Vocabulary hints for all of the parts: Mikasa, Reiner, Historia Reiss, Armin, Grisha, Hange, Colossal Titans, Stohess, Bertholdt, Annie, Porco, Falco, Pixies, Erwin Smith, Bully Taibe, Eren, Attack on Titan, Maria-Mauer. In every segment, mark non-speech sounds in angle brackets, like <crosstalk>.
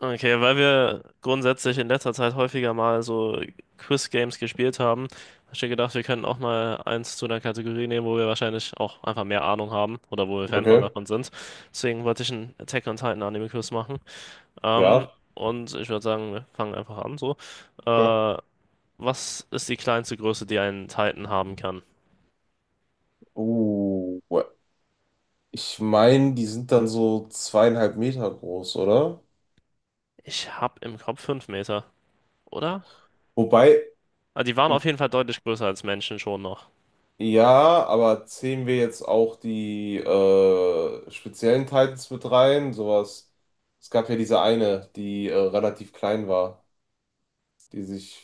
Okay, weil wir grundsätzlich in letzter Zeit häufiger mal so Quiz-Games gespielt haben, habe ich mir gedacht, wir könnten auch mal eins zu einer Kategorie nehmen, wo wir wahrscheinlich auch einfach mehr Ahnung haben oder wo wir Fan von Okay, davon sind. Deswegen wollte ich einen Attack on Titan Anime-Quiz machen. Ähm, ja. und ich würde sagen, wir fangen einfach an so. Ja. Äh, Was ist die kleinste Größe, die ein Titan haben kann? Oh, ich meine, die sind dann so 2,5 m groß, oder? Ich habe im Kopf 5 Meter, oder? Wobei, Ah, die waren auf jeden Fall deutlich größer als Menschen schon noch. ja, aber zählen wir jetzt auch die speziellen Titans mit rein? Sowas. Es gab ja diese eine, die relativ klein war, die sich.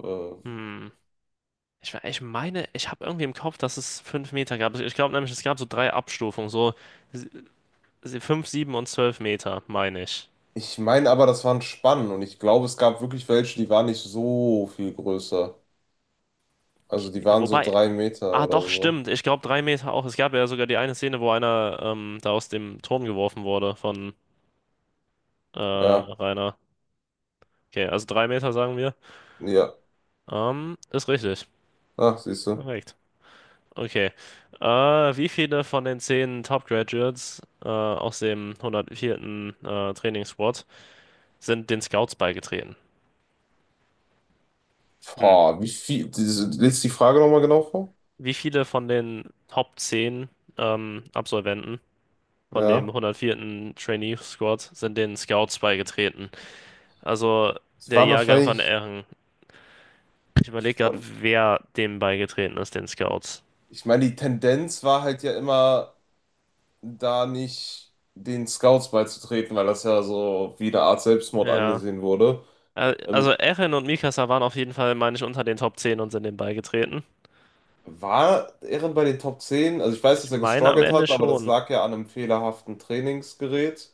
Äh, Hm. Ich meine, ich habe irgendwie im Kopf, dass es 5 Meter gab. Ich glaube nämlich, es gab so drei Abstufungen, so sie- 5, 7 und 12 Meter, meine ich. Ich meine aber, das waren Spannen und ich glaube, es gab wirklich welche, die waren nicht so viel größer. Also die Okay, waren so wobei, 3 m ah oder doch, so. stimmt. Ich glaube 3 Meter auch. Es gab ja sogar die eine Szene, wo einer da aus dem Turm geworfen wurde von Ja, Rainer. Okay, also 3 Meter sagen wir. ja. Ist richtig. Ach, siehst du. Perfekt. Okay. Äh, Wie viele von den 10 Top Graduates aus dem hundertvierten Trainingsquad sind den Scouts beigetreten? Hm. Boah, wie viel, diese, liest die Frage nochmal genau vor? Wie viele von den Top 10 Absolventen von dem Ja. 104. Trainee Squad sind den Scouts beigetreten? Also Es der waren Jahrgang von wahrscheinlich, Ehren. Ich überlege gerade, wer dem beigetreten ist, den Scouts. Ich meine, die Tendenz war halt ja immer, da nicht den Scouts beizutreten, weil das ja so wie eine Art Selbstmord Ja. angesehen wurde. Also Ähm, Ehren und Mikasa waren auf jeden Fall, meine ich, unter den Top 10 und sind dem beigetreten. War Ehren bei den Top 10? Also ich weiß, Ich dass er meine am gestruggelt Ende hat, aber das schon. lag ja an einem fehlerhaften Trainingsgerät.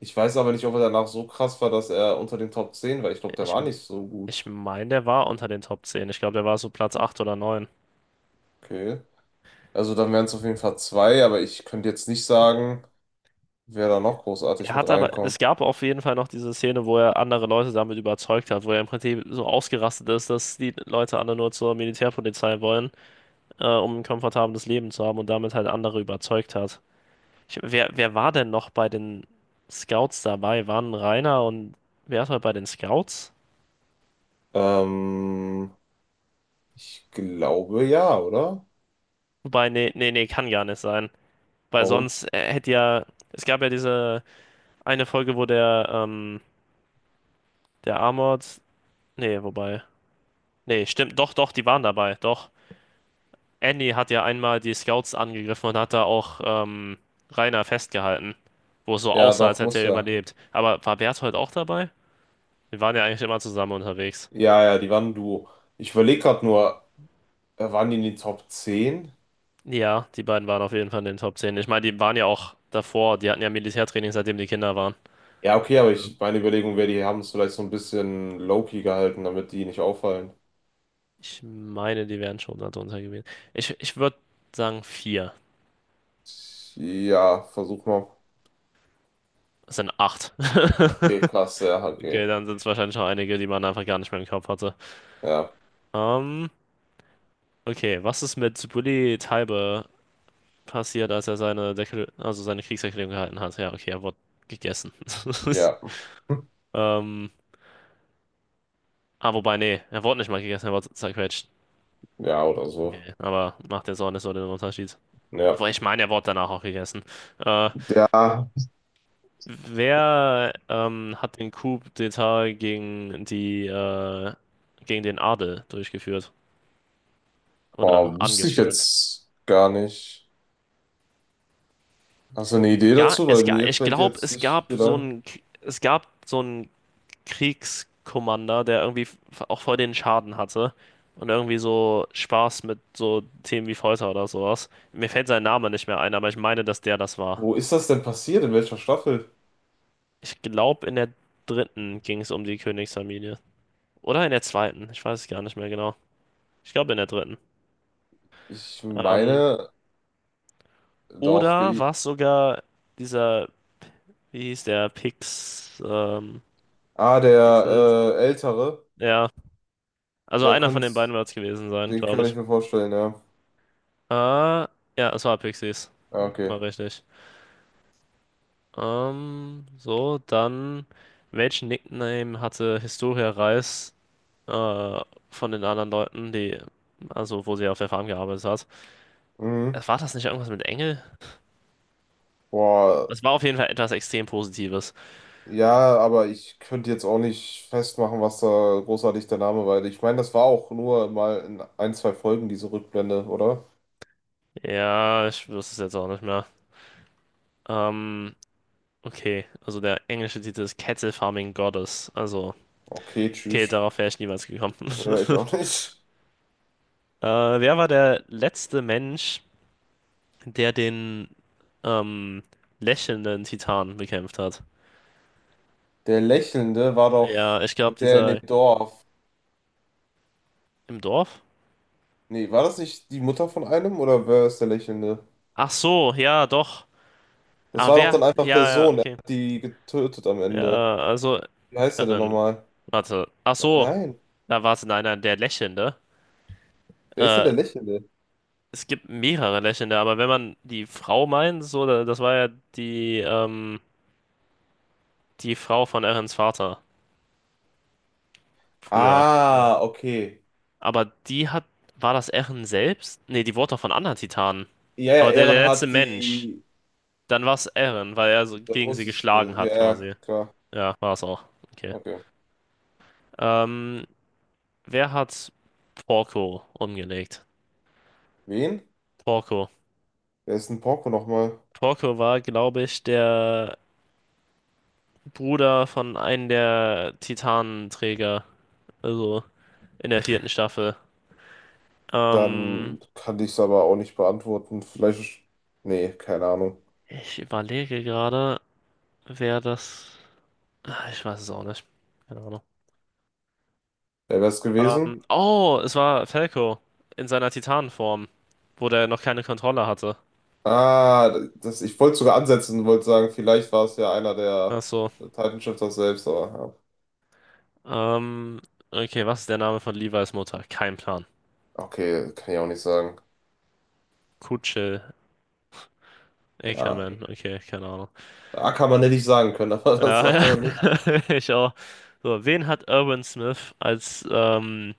Ich weiß aber nicht, ob er danach so krass war, dass er unter den Top 10 war. Ich glaube, der Ich, war nicht so ich gut. meine, der war unter den Top 10. Ich glaube, der war so Platz 8 oder 9. Okay. Also dann wären es auf jeden Fall zwei, aber ich könnte jetzt nicht sagen. Wer da noch großartig Er mit hat aber, es reinkommt? gab auf jeden Fall noch diese Szene, wo er andere Leute damit überzeugt hat, wo er im Prinzip so ausgerastet ist, dass die Leute alle nur zur Militärpolizei wollen, um ein komfortables Leben zu haben und damit halt andere überzeugt hat. Wer war denn noch bei den Scouts dabei? Waren Rainer und wer war bei den Scouts? Ähm, Ich glaube ja, oder? Wobei, nee, nee, nee, kann gar nicht sein. Weil Warum? sonst hätte ja, es gab ja diese eine Folge, wo der Armored, nee, wobei, nee, stimmt, doch, doch, die waren dabei, doch. Annie hat ja einmal die Scouts angegriffen und hat da auch Rainer festgehalten, wo es so Ja, aussah, als doch, hätte muss er ja. überlebt. Aber war Berthold auch dabei? Wir waren ja eigentlich immer zusammen unterwegs. Ja, ja, die waren ein Duo. Ich überlege gerade nur, waren die in den Top 10? Ja, die beiden waren auf jeden Fall in den Top 10. Ich meine, die waren ja auch davor, die hatten ja Militärtraining, seitdem die Kinder waren. Ja, okay, aber meine Überlegung wäre, die haben es vielleicht so ein bisschen low-key gehalten, damit die nicht auffallen. Ich meine, die wären schon darunter gewesen. Ich würde sagen vier. Ja, versuch mal. Es sind acht. <laughs> Okay, klasse, ja, Okay, okay. dann sind es wahrscheinlich auch einige, die man einfach gar nicht mehr im Kopf hatte. Ja, Ähm, okay, was ist mit Bully Taibe passiert, als er seine also seine Kriegserklärung gehalten hat. Ja, okay, er wurde gegessen. <laughs> ja, Ähm, ah, wobei, nee, er wurde nicht mal gegessen, er wurde zerquetscht. ja, oder so. Okay, aber macht jetzt auch nicht so den Unterschied. Ja. Aber ich meine, er wurde danach auch gegessen. Äh, Ja, Wer hat den Coup d'État gegen die gegen den Adel durchgeführt boah, oder wüsste ich angeführt? jetzt gar nicht. Hast du eine Idee Ja, dazu? Weil mir ich fällt glaube, jetzt es nicht gab viel so ein. ein es gab so ein Kriegskommander, der irgendwie auch voll den Schaden hatte und irgendwie so Spaß mit so Themen wie Folter oder sowas. Mir fällt sein Name nicht mehr ein, aber ich meine, dass der das war. Wo ist das denn passiert? In welcher Staffel? Ich glaube, in der dritten ging es um die Königsfamilie. Oder in der zweiten, ich weiß es gar nicht mehr genau. Ich glaube, in der dritten. Ich Ähm, meine doch. oder war es sogar dieser, wie hieß der, Ah, der Pixels? Ältere, Ja, also der einer von den beiden könnt's, wird es gewesen sein, den glaube kann ich. ich mir vorstellen, ja. Ja, es war Pixies. Ja, okay. War richtig. Ähm, so, dann, Welchen Nickname hatte Historia Reis äh, von den anderen Leuten, also wo sie auf der Farm gearbeitet hat? Äh, Mhm. War das nicht irgendwas mit Engel? Boah, Das war auf jeden Fall etwas extrem Positives. ja, aber ich könnte jetzt auch nicht festmachen, was da großartig der Name war. Ich meine, das war auch nur mal in ein, zwei Folgen diese Rückblende, oder? Ja, ich wüsste es jetzt auch nicht mehr. Ähm, okay, also der englische Titel ist Cattle Farming Goddess. Also, Okay, okay, tschüss. darauf wäre ich niemals gekommen. <laughs> Ja, ich auch nicht. Äh, Wer war der letzte Mensch, der den ähm, lächelnden Titan bekämpft hat? Der Lächelnde war Ja, doch ich glaube, der in dem dieser Dorf. im Dorf? Nee, war das nicht die Mutter von einem oder wer ist der Lächelnde? Ach so, ja, doch. Das Ah, war doch wer? dann einfach der Ja, ja, Sohn, er okay. hat die getötet am Ende. Ja, also, Wie heißt er denn Erin. nochmal? Warte. Ach so. Nein, Na, warte, nein, nein, der Lächelnde. wer ist denn Äh, der Lächelnde? Es gibt mehrere Lächelnde, aber wenn man die Frau meint, so, das war ja die, ähm, die Frau von Erins Vater früher. So. Ah, okay. Aber war das Erin selbst? Nee, die wurde doch von anderen Titanen. Ja, ja, Aber der, Eren der letzte hat Mensch, die. dann war es Erin, weil er so Da gegen sie muss es. geschlagen hat Ja, ja, quasi. klar. Ja, war es auch. Okay. Okay. Ähm, Wer hat Porco umgelegt? Wen? Porco. Wer ist denn Porco nochmal? Porco war, glaube ich, der Bruder von einem der Titanenträger, also in der vierten Staffel. Ähm, Dann kann ich es aber auch nicht beantworten. Vielleicht. Nee, keine Ahnung. Ich überlege gerade, wer das. Ah, ich weiß es auch nicht. Keine Ahnung. Wer wäre es gewesen? Oh, es war Falco in seiner Titanenform, wo der noch keine Kontrolle hatte. Ah, das, ich wollte sogar ansetzen und wollte sagen, vielleicht war es ja einer Ach der so. Titan Shifter selbst, aber Ähm, okay, was ist der Name von Levi's Mutter? Kein Plan. ja. Okay, kann ich auch nicht sagen. Kutsche, Ja, Ackerman, okay, keine Ahnung. da kann man nicht sagen können, <laughs> aber das Ja, sagt ja, man nicht. <laughs> ich auch. So, wen hat Irwin Smith als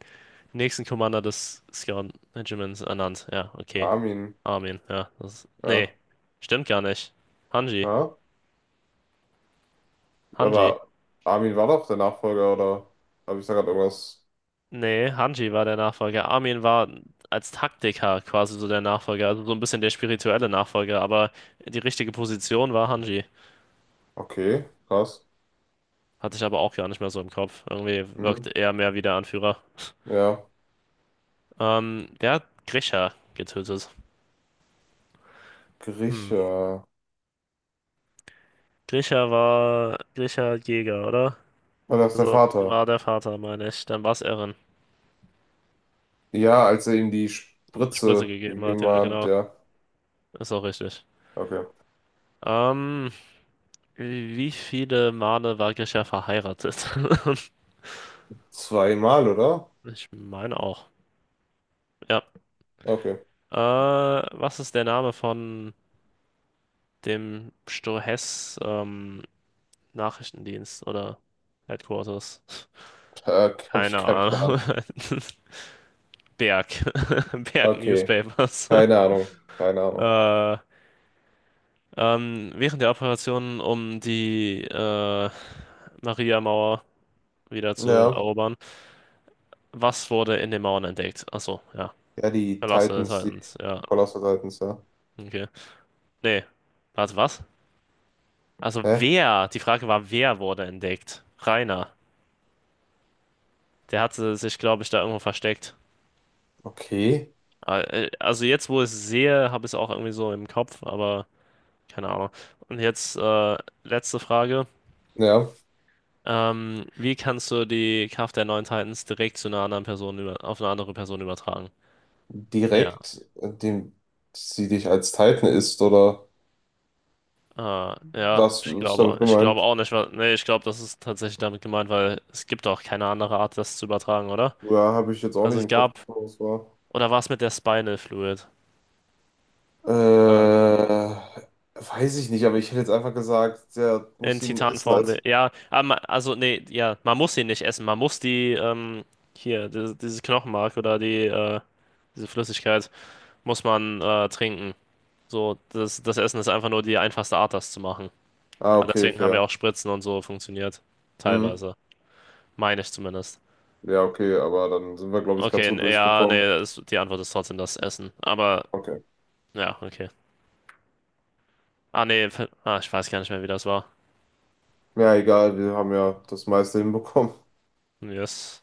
nächsten Commander des Scout Regiments ernannt? Ja, okay. Armin, Armin, ja. Nee, ja. stimmt gar nicht. Hanji, Ja, Hanji. aber Armin war doch der Nachfolger, oder habe ich da gerade irgendwas? Nee, Hanji war der Nachfolger. Armin war als Taktiker quasi so der Nachfolger, also so ein bisschen der spirituelle Nachfolger, aber die richtige Position war Hanji. Okay, krass. Hatte ich aber auch gar nicht mehr so im Kopf. Irgendwie Hm. wirkt er mehr wie der Anführer. <laughs> Ja, Der hat Grisha getötet. Hm. Grieche. Grisha war Grisha Jäger, oder? War das der Also war Vater? der Vater, meine ich. Dann war es Eren. Ja, als er ihm die Spritze Spritze gegeben hat, gegeben ja, hat, genau. ja. Ist auch richtig. Okay. Ähm, Wie viele Male war Grisha verheiratet? <laughs> Zweimal, oder? Ich meine auch. Ja. Okay. Was ist der Name von dem Stohess Nachrichtendienst oder Headquarters? Da habe ich Keine keinen Plan. Ahnung. <laughs> Berg. <laughs> Berg Okay, Newspapers. <laughs> keine Ahnung, keine Ahnung. Äh, Während der Operation, um die Maria-Mauer wieder zu Ja, erobern, was wurde in den Mauern entdeckt? Achso, ja. ja, die Verlasse des Titans, die Titans, ja. Colossal Titans, ja. Okay. Nee. Warte, was? Also Hä? wer? Die Frage war, wer wurde entdeckt? Rainer. Der hatte sich, glaube ich, da irgendwo versteckt. Okay, Also jetzt, wo ich es sehe, habe ich es auch irgendwie so im Kopf, aber keine Ahnung. Und jetzt letzte Frage. ja, Wie kannst du die Kraft der neuen Titans direkt zu einer anderen Person auf eine andere Person übertragen? Ja, direkt, indem sie dich als Titan isst, oder äh, ja, was ich ist glaube, damit ich glaube gemeint? auch nicht, weil, nee, ich glaube, das ist tatsächlich damit gemeint, weil es gibt auch keine andere Art, das zu übertragen, oder? Ja, habe ich jetzt auch Also nicht es im Kopf, gab, was das war. oder war es mit der Spinal Fluid? Äh, Äh, Weiß ich nicht, aber ich hätte jetzt einfach gesagt, der in muss ihn essen Titanform, der, als. ja, aber also nee, ja, man muss sie nicht essen, man muss dieses Knochenmark oder diese Flüssigkeit muss man trinken. So, das Essen ist einfach nur die einfachste Art, das zu machen. Ah, Aber okay, deswegen haben ja fair. auch Spritzen und so funktioniert. Hm. Teilweise. Meine ich zumindest. Ja, okay, aber dann sind wir, glaube ich, ganz Okay, gut ja, nee, durchgekommen. die Antwort ist trotzdem das Essen. Aber, Okay. ja, okay. Ah, nee, ah, ich weiß gar nicht mehr, wie das war. Ja, egal, wir haben ja das meiste hinbekommen. Yes.